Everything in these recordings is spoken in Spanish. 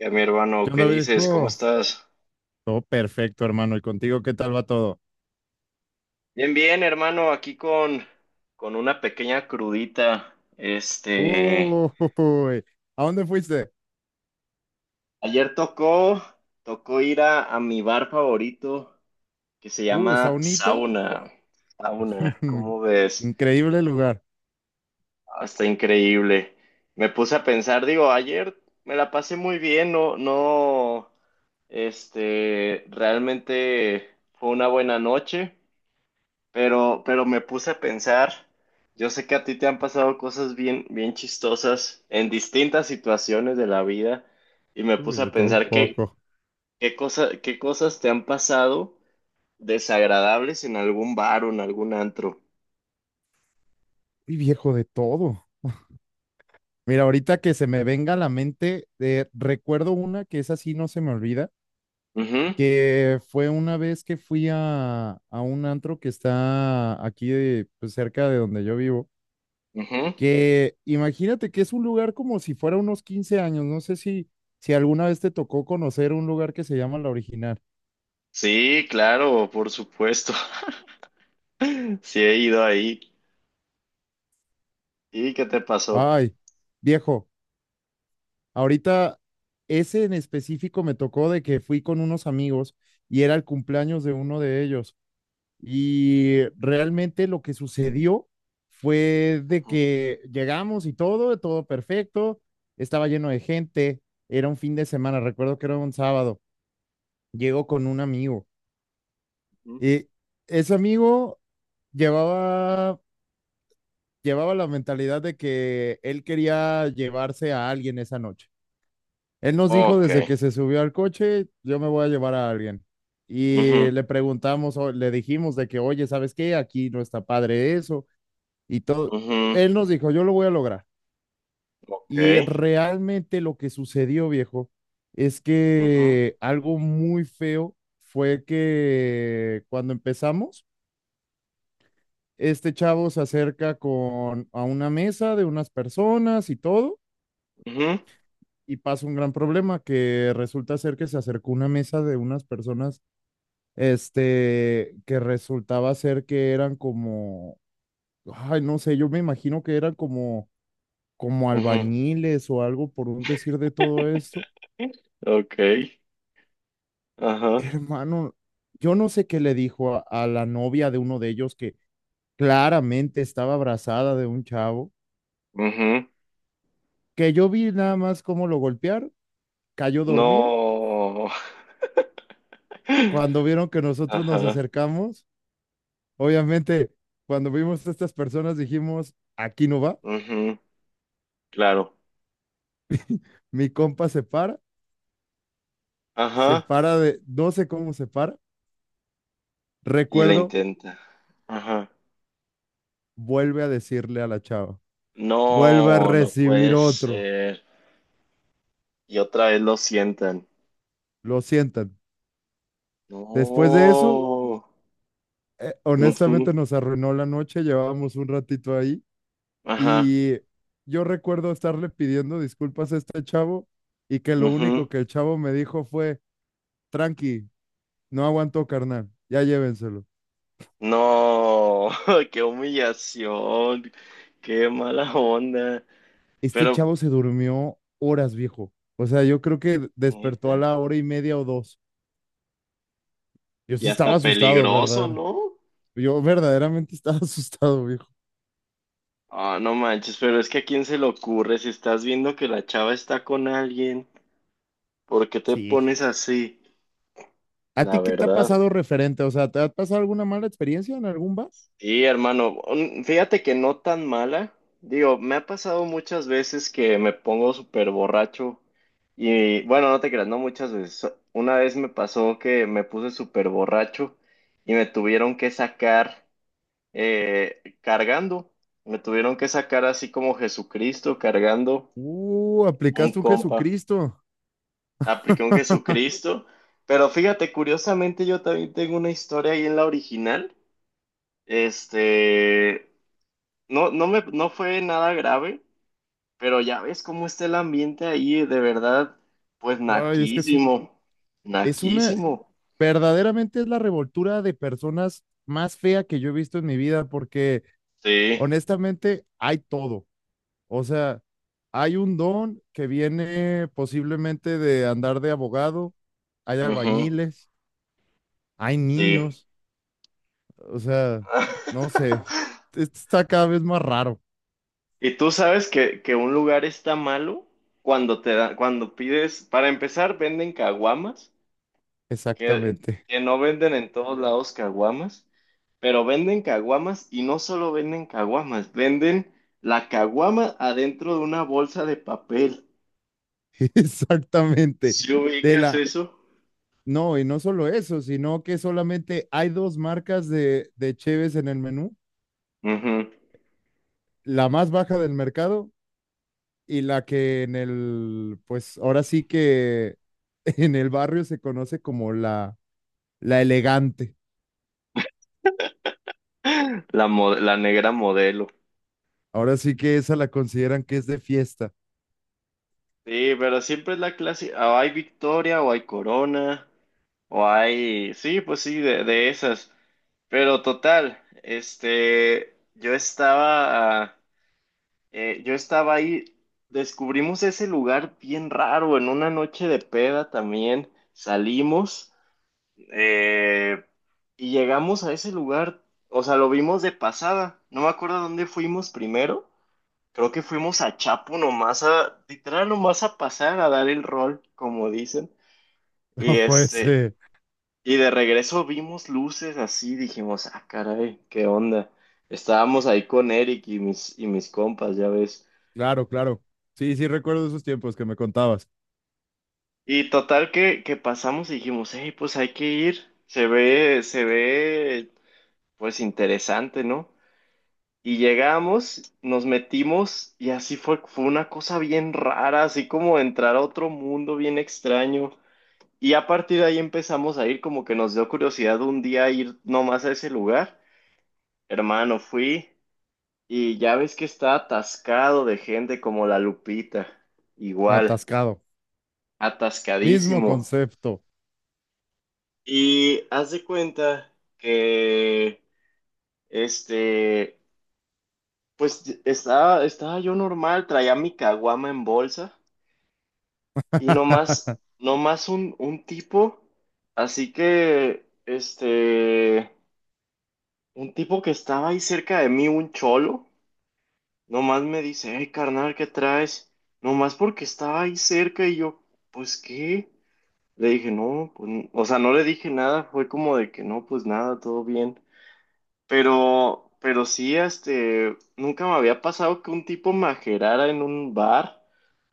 Ya, mi ¿Qué hermano, ¿qué onda, dices? ¿Cómo viejo? estás? Todo perfecto, hermano. ¿Y contigo qué tal va todo? Bien, bien, hermano, aquí con una pequeña crudita. Este, Uy, ¿a dónde fuiste? ayer tocó ir a mi bar favorito que se llama Saunita. Sauna. Sauna, ¿cómo ves? Increíble lugar. Ah, está increíble. Me puse a pensar, digo, ayer me la pasé muy bien, no, no, este, realmente fue una buena noche. Pero me puse a pensar, yo sé que a ti te han pasado cosas bien, bien chistosas en distintas situaciones de la vida y me Uy, puse a de todo un pensar poco. Qué cosas te han pasado desagradables en algún bar o en algún antro. Uy, viejo, de todo. Mira, ahorita que se me venga a la mente, recuerdo una que es así, no se me olvida, que fue una vez que fui a un antro que está aquí, pues, cerca de donde yo vivo. Ujú, ujú. Que imagínate que es un lugar como si fuera unos 15 años, no sé si, si alguna vez te tocó conocer un lugar que se llama La Original. Sí, claro, por supuesto. Sí he ido ahí. ¿Y qué te pasó? Ay, viejo, ahorita ese en específico me tocó de que fui con unos amigos y era el cumpleaños de uno de ellos. Y realmente lo que sucedió fue de Ujú, que llegamos y todo, todo perfecto, estaba lleno de gente, era un fin de semana, recuerdo que era un sábado, llego con un amigo. ujú. Y ese amigo llevaba, llevaba la mentalidad de que él quería llevarse a alguien esa noche. Él nos dijo Ok. desde que se subió al coche, yo me voy a llevar a alguien. Y Ujú, le preguntamos, o le dijimos de que, oye, ¿sabes qué? Aquí no está padre eso y todo. ujú. Él nos dijo, yo lo voy a lograr. Ok. Y realmente lo que sucedió, viejo, es Ujú, que algo muy feo fue que cuando empezamos, este chavo se acerca con a una mesa de unas personas y todo, ujú, y pasa un gran problema que resulta ser que se acercó una mesa de unas personas, que resultaba ser que eran como, ay, no sé, yo me imagino que eran como, como ujú. albañiles o algo por un decir de todo esto. Ok. Ajá. Hermano, yo no sé qué le dijo a la novia de uno de ellos que claramente estaba abrazada de un chavo, Ujú. que yo vi nada más cómo lo golpearon, cayó dormido No. cuando vieron que nosotros nos Ajá. acercamos. Obviamente, cuando vimos a estas personas dijimos, aquí no va, Ujú. Claro. mi compa se para, Ajá. No sé cómo se para, Y la recuerdo, intenta. Ajá. vuelve a decirle a la chava, vuelve a No, no recibir puede otro, ser. Y otra vez lo sientan. lo sientan. Después de eso, No. Honestamente Ujú. nos arruinó la noche, llevábamos un ratito ahí Ajá. y yo recuerdo estarle pidiendo disculpas a este chavo, y que lo único Ujú. que el chavo me dijo fue, tranqui, no aguantó, carnal. Ya llévenselo. No. Qué humillación. Qué mala onda. Este Pero, chavo se durmió horas, viejo. O sea, yo creo que despertó a neta. la hora y media o dos. Yo Y sí estaba hasta asustado, peligroso, ¿verdad? ¿no? Yo verdaderamente estaba asustado, viejo. Ah, no manches, pero es que a quién se le ocurre si estás viendo que la chava está con alguien, ¿por qué te Sí. pones así? ¿A La ti qué te ha verdad. pasado referente? O sea, ¿te ha pasado alguna mala experiencia en algún bar? Sí, hermano, fíjate que no tan mala. Digo, me ha pasado muchas veces que me pongo súper borracho y bueno, no te creas, no muchas veces. Una vez me pasó que me puse súper borracho y me tuvieron que sacar cargando. Me tuvieron que sacar así como Jesucristo cargando un Aplicaste un compa. Jesucristo. Apliqué un Jesucristo. Pero fíjate, curiosamente yo también tengo una historia ahí en la original. Este, no fue nada grave, pero ya ves cómo está el ambiente ahí, de verdad, pues Ay, es que naquísimo, es una, naquísimo. verdaderamente es la revoltura de personas más fea que yo he visto en mi vida, porque Sí, honestamente hay todo. O sea, hay un don que viene posiblemente de andar de abogado, hay ujú, albañiles, hay sí. niños, o sea, no sé, esto está cada vez más raro. Y tú sabes que un lugar está malo cuando te da, cuando pides, para empezar, venden caguamas. que, Exactamente, que no venden en todos lados caguamas, pero venden caguamas y no solo venden caguamas, venden la caguama adentro de una bolsa de papel. exactamente. ¿Si De ubicas la, eso? no, y no solo eso, sino que solamente hay dos marcas de cheves en el menú, Ujú. la más baja del mercado y la que en el, pues ahora sí que en el barrio se conoce como la elegante. La negra modelo. Ahora sí que esa la consideran que es de fiesta. Sí, pero siempre es la clase, o hay Victoria, o hay Corona, o hay, sí, pues sí, de esas. Pero total, este, yo estaba ahí, descubrimos ese lugar bien raro en una noche de peda también. Salimos eh, y llegamos a ese lugar, o sea, lo vimos de pasada. No me acuerdo dónde fuimos primero. Creo que fuimos a Chapo nomás a, literal nomás a pasar a dar el rol, como dicen. No Y puede este, ser. y de regreso vimos luces así, dijimos, ah, caray, qué onda. Estábamos ahí con Eric y mis compas, ya ves. Claro, claro. Sí, sí, recuerdo esos tiempos que me contabas. Y total que pasamos y dijimos, hey, pues hay que ir, se ve, pues interesante, ¿no? Y llegamos, nos metimos y así fue, fue una cosa bien rara, así como entrar a otro mundo bien extraño. Y a partir de ahí empezamos a ir, como que nos dio curiosidad un día ir nomás a ese lugar. Hermano, fui y ya ves que está atascado de gente como la Lupita, igual, Atascado. Mismo atascadísimo. concepto. Y haz de cuenta que, este, pues estaba yo normal, traía mi caguama en bolsa y nomás, nomás así que, este, un tipo que estaba ahí cerca de mí, un cholo, nomás me dice, hey, carnal, ¿qué traes? Nomás porque estaba ahí cerca y yo, pues, ¿qué? Le dije, no, pues, o sea, no le dije nada, fue como de que no, pues nada, todo bien. Pero sí, este, nunca me había pasado que un tipo majerara en un bar,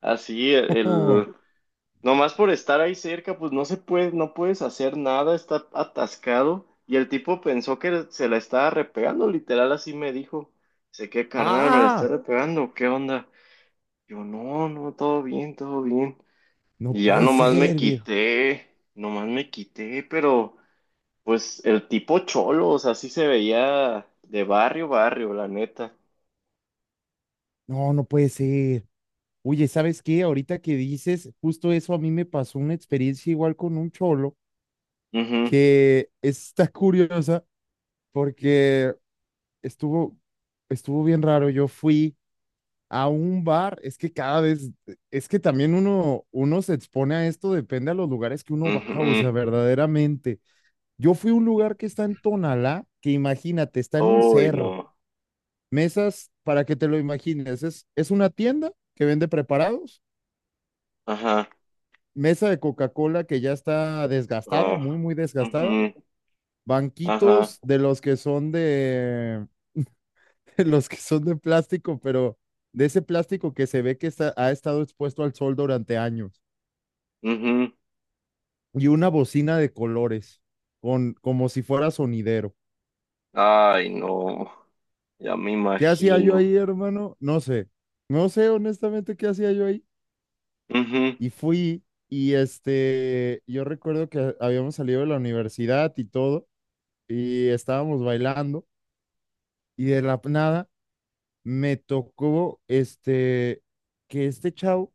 así, el, nomás por estar ahí cerca, pues no se puede, no puedes hacer nada, está atascado, y el tipo pensó que se la estaba repegando, literal, así me dijo, sé que carnal, me la está ¡Ah! repegando, ¿qué onda? Yo, no, no, todo bien, No y ya puede nomás me ser, viejo. quité, nomás me quité. Pero... Pues el tipo cholo, o sea, sí se veía de barrio, barrio, la neta. No, no puede ser. Oye, ¿sabes qué? Ahorita que dices, justo eso a mí me pasó una experiencia igual con un cholo Ujú, que está curiosa porque estuvo, estuvo bien raro. Yo fui a un bar, es que también uno se expone a esto, depende a los lugares que uno va, ujú, o sea, ujú. verdaderamente. Yo fui a un lugar que está en Tonalá, que imagínate, está en un Uy, cerro, no. mesas, para que te lo imagines, es una tienda que vende preparados, Ajá. mesa de Coca-Cola que ya está desgastada, Oh. muy, muy desgastada, Ujú, Ajá. banquitos de los que son de, de los que son de plástico, pero de ese plástico que se ve que está, ha estado expuesto al sol durante años, Ujú. y una bocina de colores, con, como si fuera sonidero. Ay, no. Ya me ¿Qué hacía yo imagino. ahí, hermano? No sé. No sé honestamente qué hacía yo ahí. Ujú, Y fui y yo recuerdo que habíamos salido de la universidad y todo, y estábamos bailando, y de la nada me tocó que este chavo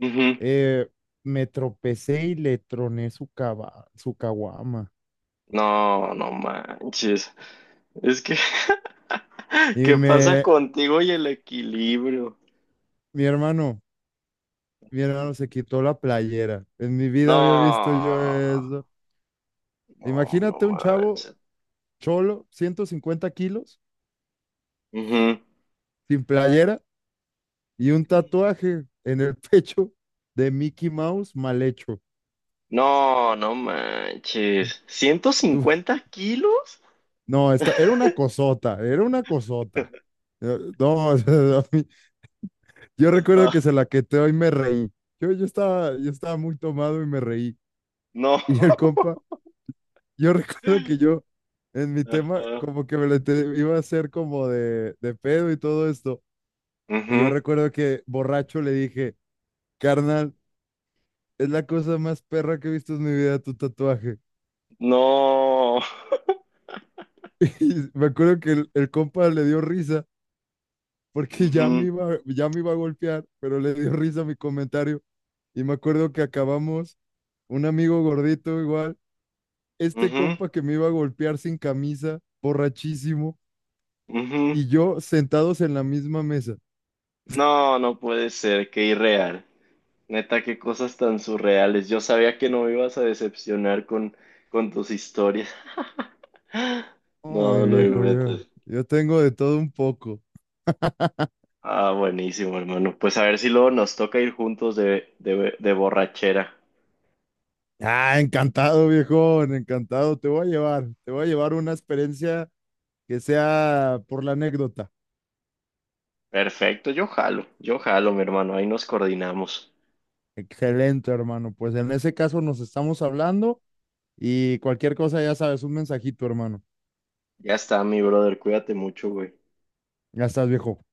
ujú. eh, me tropecé y le troné su caguama. No, no manches. Es que, Y ¿qué pasa me, contigo y el equilibrio? mi hermano, mi hermano se quitó la playera. En mi vida había visto yo No, eso. no, no Imagínate un chavo manches. cholo, 150 kilos, Ujú. sin playera y un tatuaje en el pecho de Mickey Mouse mal hecho. No, no manches. ciento Tú- cincuenta kilos? no, esta, era una cosota, era una cosota. No, yo Ajá. recuerdo que se la queteó y me reí. Yo estaba muy tomado y me reí. No. Y el compa. Yo recuerdo que yo, en mi tema, Ajá. como que iba a hacer como de pedo y todo esto. Y yo Ujú. recuerdo que borracho le dije, carnal, es la cosa más perra que he visto en mi vida, tu tatuaje. No. Y me acuerdo que el compa le dio risa porque Ujú, ya me iba a golpear, pero le dio risa a mi comentario. Y me acuerdo que acabamos, un amigo gordito igual, este ujú, compa que me iba a golpear sin camisa, borrachísimo, ujú. y yo sentados en la misma mesa. No, no puede ser, qué irreal. Neta, qué cosas tan surreales. Yo sabía que no me ibas a decepcionar con tus historias. Oh, mi No, no me viejo, metas. yo tengo de todo un poco. Ah, buenísimo, hermano. Pues a ver si luego nos toca ir juntos de, de borrachera. Ah, encantado, viejón, encantado. Te voy a llevar una experiencia que sea por la anécdota. Perfecto, yo jalo, mi hermano, ahí nos coordinamos. Excelente, hermano. Pues en ese caso nos estamos hablando y cualquier cosa, ya sabes, un mensajito, hermano. Ya está, mi brother, cuídate mucho, güey. Ya estás, viejo.